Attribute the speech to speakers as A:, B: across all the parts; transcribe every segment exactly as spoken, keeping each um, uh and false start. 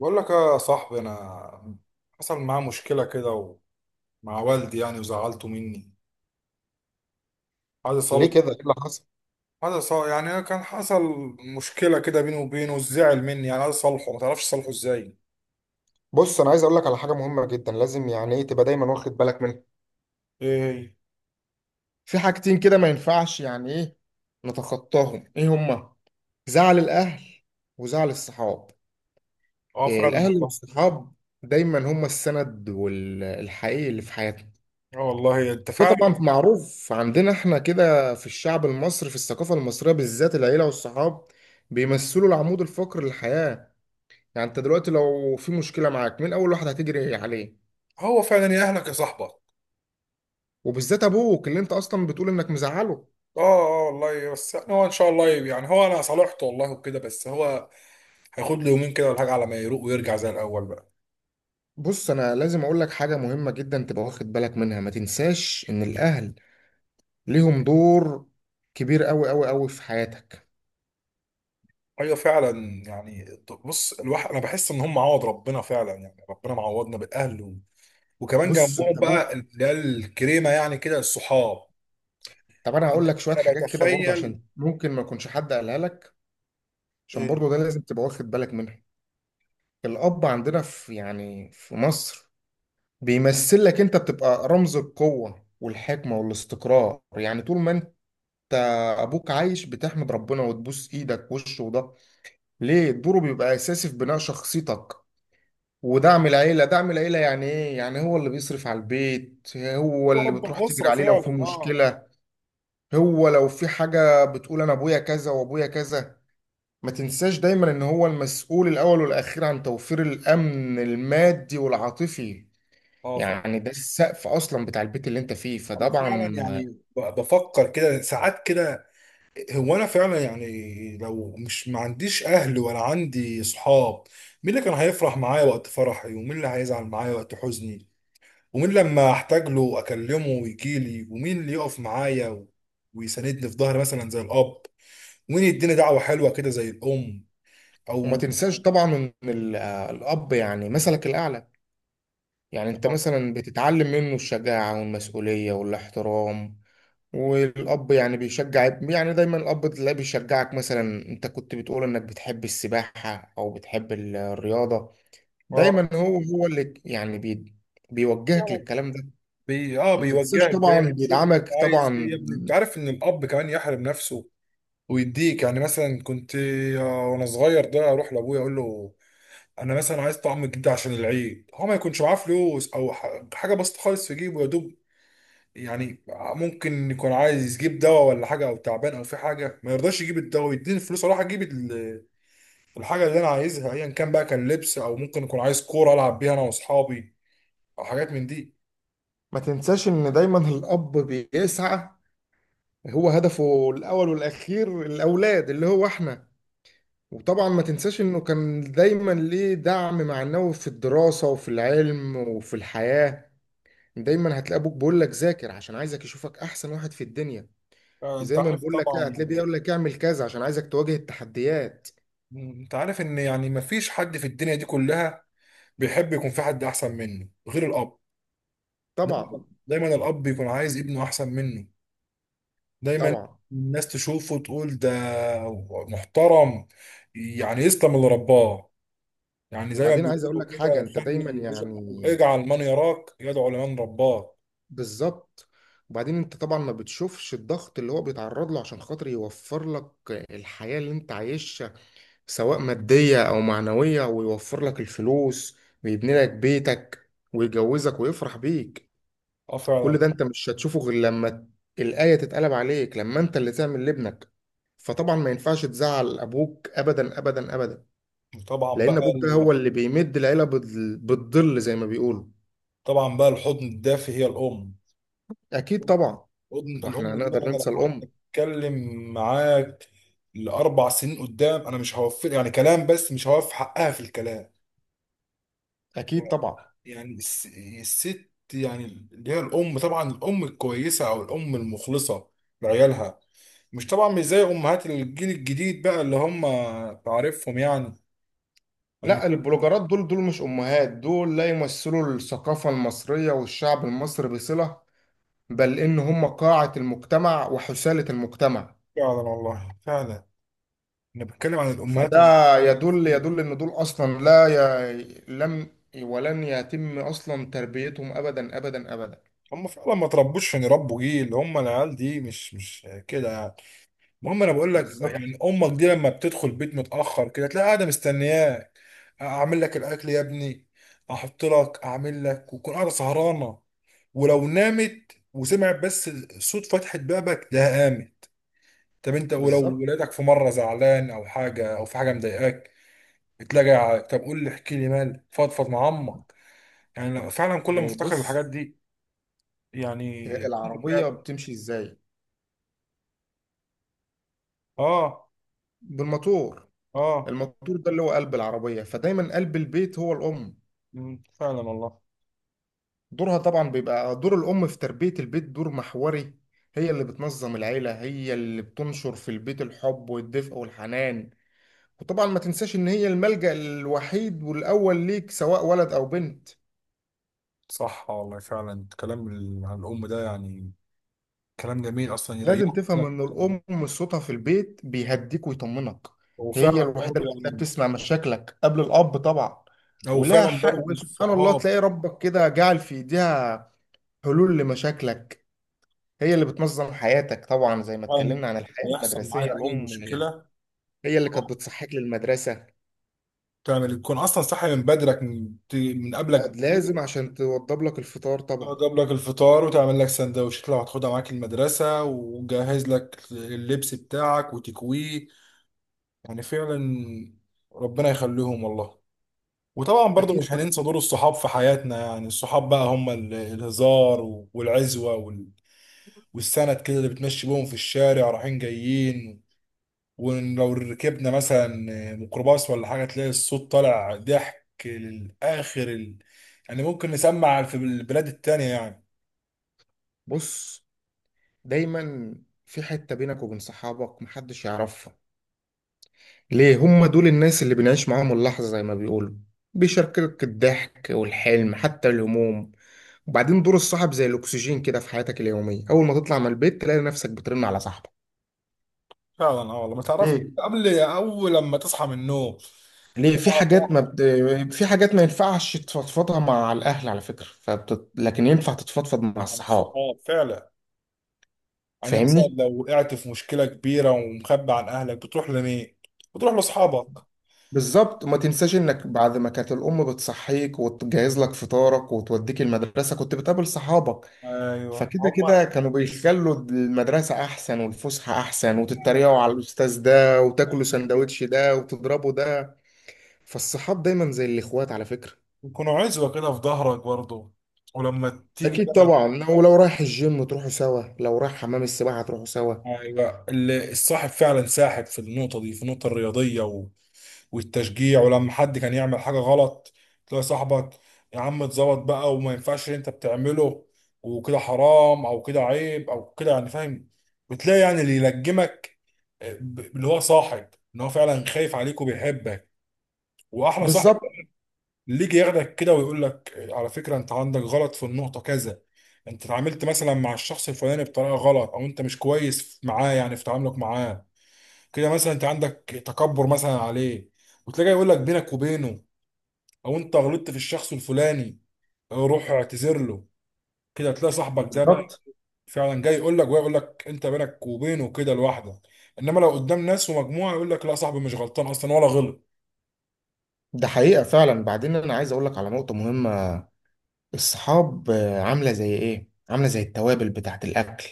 A: بقول لك يا صاحبي، انا حصل معاه مشكله كده، ومع والدي يعني، وزعلته مني. عايز
B: ليه
A: اصلح
B: كده، ايه اللي حصل؟
A: عايز اصلح، يعني كان حصل مشكله كده بيني وبينه، وزعل مني، يعني عايز اصلحه، ما تعرفش اصلحه ازاي.
B: بص، انا عايز اقول لك على حاجه مهمه جدا، لازم يعني ايه تبقى دايما واخد بالك منها.
A: ايه هي؟
B: في حاجتين كده ما ينفعش يعني ايه نتخطاهم، ايه هما؟ زعل الاهل وزعل الصحاب.
A: اه
B: إيه
A: فعلا
B: الاهل
A: والله.
B: والصحاب؟ دايما هما السند والحقيقي اللي في حياتنا.
A: اه والله انت
B: ده
A: فعلا.
B: طبعا معروف عندنا احنا كده في الشعب المصري، في الثقافه المصريه بالذات العيله والصحاب بيمثلوا العمود الفقري للحياه. يعني انت دلوقتي لو في مشكله معاك مين اول واحد هتجري عليه؟
A: هو فعلا يأهلك يا صاحبك.
B: وبالذات ابوك اللي انت اصلا بتقول انك مزعله.
A: اه. اه والله، بس يعني هو، ان شاء الله، يعني هو انا صالحته والله وكده، بس هو هياخد له يومين كده ولا حاجه على ما يروق ويرجع زي الاول بقى.
B: بص، انا لازم اقول لك حاجه مهمه جدا تبقى واخد بالك منها. ما تنساش ان الاهل ليهم دور كبير قوي قوي قوي في حياتك.
A: ايوه فعلا يعني. بص الواحد، انا بحس ان هم عوض ربنا فعلا، يعني ربنا معوضنا بالاهل و... وكمان
B: بص،
A: جنبهم
B: انت
A: بقى
B: ابوك،
A: اللي هي الكريمه، يعني كده الصحاب.
B: طب انا
A: يعني
B: هقول لك شويه
A: انا
B: حاجات كده برضه
A: بتخيل.
B: عشان ممكن ما يكونش حد قالها لك، عشان
A: إيه،
B: برضه ده لازم تبقى واخد بالك منها. الاب عندنا في يعني في مصر بيمثل لك، انت بتبقى رمز القوه والحكمه والاستقرار. يعني طول ما انت ابوك عايش بتحمد ربنا وتبوس ايدك وشه. وده ليه الدور بيبقى اساسي في بناء شخصيتك ودعم العيله. دعم العيله يعني ايه؟ يعني هو اللي بيصرف على البيت، هو
A: هو
B: اللي
A: رب
B: بتروح تجري
A: الاسره
B: عليه لو في
A: فعلا، اه.
B: مشكله. هو لو في حاجه بتقول انا ابويا كذا وابويا كذا. ما تنساش دايما ان هو المسؤول الاول والاخير عن توفير الامن المادي والعاطفي.
A: اه فعلا.
B: يعني ده السقف اصلا بتاع البيت اللي انت فيه،
A: انا فعلا يعني،
B: فطبعا.
A: ب- بفكر كده ساعات كده. هو انا فعلا يعني، لو مش، ما عنديش اهل ولا عندي صحاب، مين اللي كان هيفرح معايا وقت فرحي، ومين اللي هيزعل معايا وقت حزني، ومين لما احتاج له اكلمه ويجي لي، ومين اللي يقف معايا و- ويساندني في ظهري مثلا زي الاب، ومين يديني دعوه حلوه كده زي الام،
B: وما
A: او...
B: تنساش طبعا ان ال- آه، الاب يعني مثلك الاعلى. يعني انت مثلا بتتعلم منه الشجاعه والمسؤوليه والاحترام. والأب يعني بيشجع ابن- يعني دايما الأب تلاقيه بيشجعك، مثلا أنت كنت بتقول إنك بتحب السباحة أو بتحب ال- الرياضة.
A: اه.
B: دايما هو هو اللي يعني بي بيوجهك
A: يعني
B: للكلام ده.
A: بي... اه
B: ما تنساش
A: بيوجهك
B: طبعا
A: دايما، شوف انت
B: بيدعمك
A: عايز ايه يا
B: طبعا.
A: ابني. انت عارف ان الاب كمان يحرم نفسه ويديك، يعني مثلا كنت، آه، وانا صغير ده، اروح لابويا اقول له: انا مثلا عايز طعم جديد عشان العيد، هو ما يكونش معاه فلوس، او ح- حاجه بسيطه خالص في جيبه، يا دوب يعني. ممكن يكون عايز يجيب دواء ولا حاجه، او تعبان، او في حاجه ما يرضاش يجيب الدواء، يديني الفلوس اروح اجيب ال- الحاجه اللي انا عايزها، ايا كان بقى، كان لبس او ممكن يكون عايز كوره العب بيها انا واصحابي، او حاجات من دي.
B: ما تنساش إن دايما الأب بيسعى، هو هدفه الأول والأخير الأولاد اللي هو إحنا. وطبعا ما تنساش إنه كان دايما ليه دعم معنوي في الدراسة وفي العلم وفي الحياة. دايما هتلاقي ابوك بيقول لك ذاكر، عشان عايزك يشوفك احسن واحد في الدنيا.
A: آه، انت
B: زي ما
A: عارف
B: بيقول لك كده،
A: طبعا
B: هتلاقيه
A: يعني،
B: بيقول لك اعمل كذا عشان عايزك تواجه التحديات.
A: م- انت عارف ان، يعني ما فيش حد في الدنيا دي كلها بيحب يكون في حد احسن منه غير الاب.
B: طبعا.
A: دايما دايما الاب بيكون عايز ابنه احسن منه. دايما
B: طبعا.
A: الناس تشوفه تقول ده محترم، يعني يسلم اللي رباه. يعني زي ما
B: بعدين عايز اقول
A: بيقولوا
B: لك حاجه،
A: كده:
B: انت دايما
A: خلي،
B: يعني
A: اجعل من يراك يدعو لمن رباك.
B: بالظبط. وبعدين انت طبعا ما بتشوفش الضغط اللي هو بيتعرض له عشان خاطر يوفر لك الحياه اللي انت عايشها، سواء ماديه او معنويه، ويوفر لك الفلوس ويبني لك بيتك ويجوزك ويفرح بيك.
A: اه
B: كل
A: فعلا.
B: ده انت مش هتشوفه غير لما الآية تتقلب عليك، لما انت اللي تعمل لابنك. فطبعا ما ينفعش تزعل ابوك ابدا ابدا ابدا،
A: طبعا
B: لان
A: بقى
B: ابوك ده
A: ال-
B: هو اللي بيمد العيلة بال- بالظل زي ما بيقولوا.
A: طبعا بقى الحضن الدافي هي الام.
B: اكيد طبعا.
A: الحضن- الام
B: واحنا
A: دي بقى،
B: هنقدر
A: انا
B: ننسى
A: لو قعدت
B: الام؟
A: اتكلم معاك لاربع سنين قدام، انا مش هوفر يعني كلام، بس مش هوفي حقها في الكلام.
B: اكيد طبعا.
A: يعني الس- الست، يعني اللي هي الام، طبعا الام الكويسه او الام المخلصه لعيالها، مش طبعا مش زي امهات الجيل الجديد بقى اللي هم، تعرفهم يعني.
B: لا، البلوجرات دول دول مش امهات، دول لا يمثلوا الثقافة المصرية والشعب المصري بصلة، بل ان هم قاعة المجتمع وحثالة المجتمع.
A: فعلا والله فعلا. انا بتكلم عن الامهات
B: فده يدل
A: المسيحيين.
B: يدل ان دول اصلا لا ي... لم ولن يتم اصلا تربيتهم ابدا ابدا ابدا.
A: هم فعلا ما تربوش عشان يربوا جيل، هم العيال دي مش مش كده يعني. المهم، انا بقول لك
B: بالظبط.
A: يعني امك دي لما بتدخل بيت متاخر كده، تلاقي قاعده مستنياك: اعمل لك الاكل يا ابني، احط لك، اعمل لك، وتكون قاعده سهرانه. ولو نامت وسمعت بس صوت فتحه بابك ده، قامت. طب انت، ولو
B: بالظبط.
A: ولادك في مره زعلان او حاجه، او في حاجه مضايقاك، تلاقي: طب قول لي، احكي لي مالك، فضفض مع امك. يعني لو- فعلا كل ما
B: إيه،
A: افتكر
B: بص،
A: الحاجات دي، يعني
B: هي
A: الأم
B: العربيه
A: فعلا.
B: بتمشي ازاي؟
A: اه.
B: بالموتور.
A: اه.
B: الموتور ده اللي هو قلب العربيه، فدايما قلب البيت هو الام.
A: مم، فعلا والله.
B: دورها طبعا بيبقى دور الام في تربيه البيت دور محوري. هي اللي بتنظم العيله، هي اللي بتنشر في البيت الحب والدفء والحنان. وطبعا ما تنساش ان هي الملجأ الوحيد والاول ليك، سواء ولد او بنت.
A: صح والله فعلا. الكلام ال- عن الأم ده، يعني كلام جميل أصلا، يريحك
B: لازم
A: كده
B: تفهم
A: في
B: ان
A: الكلام.
B: الام صوتها في البيت بيهديك ويطمنك. هي
A: وفعلا
B: الوحيده
A: برضه
B: اللي بتلاقيها
A: يعني،
B: بتسمع مشاكلها قبل الاب طبعا.
A: أو
B: ولها
A: فعلا
B: حق،
A: برضه
B: وسبحان الله،
A: الصحاب.
B: تلاقي ربك كده جعل في ايديها حلول لمشاكلك. هي اللي بتنظم حياتك طبعا، زي ما
A: فعلا
B: اتكلمنا عن الحياه
A: يحصل معايا
B: المدرسيه.
A: أي
B: الام
A: مشكلة،
B: هي اللي كانت
A: آه،
B: بتصحيك للمدرسه،
A: تعمل يكون أصلا صاحي من بدرك، من ت- من قبلك
B: لازم
A: بكتير،
B: عشان توضب لك الفطار طبعا.
A: تجيب لك الفطار وتعمل لك سندوتشات لو هتاخدها معاك المدرسة، وجهز لك اللبس بتاعك وتكويه. يعني فعلا، ربنا يخليهم والله. وطبعا برضو
B: اكيد
A: مش
B: طبعا.
A: هننسى دور الصحاب في حياتنا، يعني الصحاب بقى هم ال- الهزار و- والعزوة وال- والسند كده، اللي بتمشي بيهم في الشارع رايحين جايين. ولو ركبنا مثلا ميكروباص ولا حاجة، تلاقي الصوت طالع ضحك للآخر، ال... يعني ممكن نسمع في البلاد التانية يعني.
B: بص، دايما في حته بينك وبين صحابك محدش يعرفها. ليه؟ هم دول الناس اللي بنعيش معاهم اللحظة زي ما بيقولوا، بيشاركك الضحك والحلم حتى الهموم. وبعدين دور الصاحب زي الأكسجين كده في حياتك اليومية. أول ما تطلع من البيت تلاقي نفسك بترن على صاحبك.
A: فعلا، اه والله، ما تعرف
B: ليه؟
A: قبل، أول لما تصحى من النوم،
B: ليه في
A: تبقى
B: حاجات
A: صح.
B: ما بت... في حاجات ما ينفعش تفضفضها مع الأهل على فكرة، فبت... لكن ينفع تتفضفض مع
A: عن
B: الصحاب.
A: الصحاب فعلا، يعني مثلا
B: فاهمني؟
A: لو وقعت في مشكلة كبيرة ومخبي عن أهلك، بتروح لمين؟ بتروح لأصحابك.
B: بالظبط. وما تنساش انك بعد ما كانت الام بتصحيك وتجهز لك فطارك وتوديك المدرسه، كنت بتقابل صحابك.
A: أيوه
B: فكده كده
A: هما.
B: كانوا بيخلوا المدرسه احسن والفسحه احسن،
A: هما يعني،
B: وتتريقوا على الاستاذ ده وتاكلوا
A: أنا فاكر
B: سندوتش ده وتضربوا ده. فالصحاب دايما زي الاخوات على فكره.
A: يكونوا عزوة كده في ظهرك برضه. ولما تيجي
B: اكيد
A: بقى،
B: طبعا. لو لو رايح الجيم تروحوا سوا، لو رايح حمام السباحه تروحوا سوا.
A: أيوه اللي الصاحب فعلا ساحب، في النقطة دي في النقطة الرياضية والتشجيع. ولما حد كان يعمل حاجة غلط، تلاقي صاحبك: يا عم اتظبط بقى، وما ينفعش اللي انت بتعمله وكده، حرام او كده عيب او كده، يعني فاهم. بتلاقي يعني اللي يلجمك، آه، ب- اللي هو صاحب، ان هو فعلا خايف عليك وبيحبك. واحلى صاحب
B: بالظبط.
A: اللي يجي ياخدك كده ويقول لك: آه، على فكرة، انت عندك غلط في النقطة كذا. انت اتعاملت مثلا مع الشخص الفلاني بطريقة غلط، او انت مش كويس معاه يعني في تعاملك معاه كده مثلا، انت عندك تكبر مثلا عليه. وتلاقيه يقول لك بينك وبينه: او انت غلطت في الشخص الفلاني، روح اعتذر له. كده هتلاقي صاحبك ده بقى،
B: بالظبط.
A: فعلا جاي يقول لك، ويقول لك انت بينك وبينه كده لوحدك. انما لو قدام ناس ومجموعه، يقول لك: لا صاحبي مش غلطان اصلا ولا غلط.
B: ده حقيقه فعلا. بعدين انا عايز اقول لك على نقطه مهمه، الصحاب آه، عاملة زي إيه؟ عاملة زي التوابل بتاعة الأكل.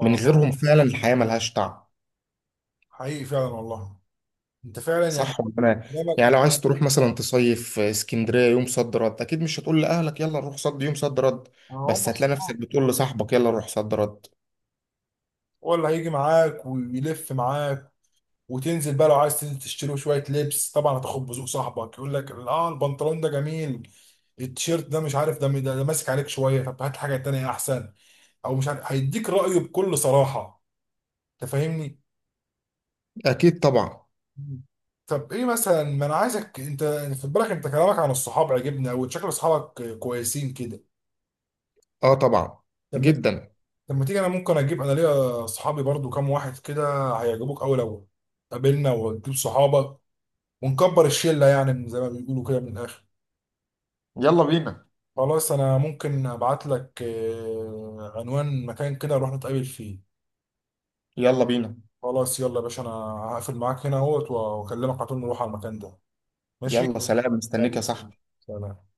B: من غيرهم فعلا الحياة ملهاش طعم.
A: حقيقي فعلا والله. انت فعلا يعني،
B: صح ولا أنا؟
A: قدامك
B: يعني لو
A: انت.
B: عايز تروح مثلا تصيف آه، اسكندرية يوم صد رد، أكيد مش هتقول لأهلك يلا نروح صد يوم صد رد،
A: آه، هم
B: بس هتلاقي
A: الصحاب،
B: نفسك بتقول لصاحبك يلا نروح صد رد.
A: هو اللي هيجي معاك ويلف معاك، وتنزل بقى، لو عايز تنزل تشتري له شويه لبس، طبعا هتاخد بذوق صاحبك. يقول لك: اه البنطلون ده جميل، التيشيرت ده مش عارف، ده ده, ده ماسك عليك شويه، طب هات حاجه تانيه احسن. او مش عارف، هيديك رايه بكل صراحه. انت فاهمني؟
B: أكيد طبعا.
A: مم. طب ايه مثلا، ما انا عايزك انت خد بالك، انت كلامك عن الصحاب عجبني، او شكل اصحابك كويسين كده.
B: آه طبعا،
A: لما
B: جدا.
A: لما تيجي، انا ممكن اجيب انا ليا صحابي برضو كام واحد كده، هيعجبوك اوي لو قابلنا وتجيب صحابك، ونكبر الشله يعني، من زي ما بيقولوا كده، من الاخر.
B: يلا بينا.
A: خلاص، انا ممكن ابعت لك آه، عنوان مكان كده نروح نتقابل فيه.
B: يلا بينا.
A: خلاص يلا يا باشا، انا هقفل معاك هنا اهوت، واكلمك على طول نروح على المكان ده. ماشي.
B: يلا سلام، مستنيك يا
A: يلا سلام.
B: صاحبي.
A: سلام.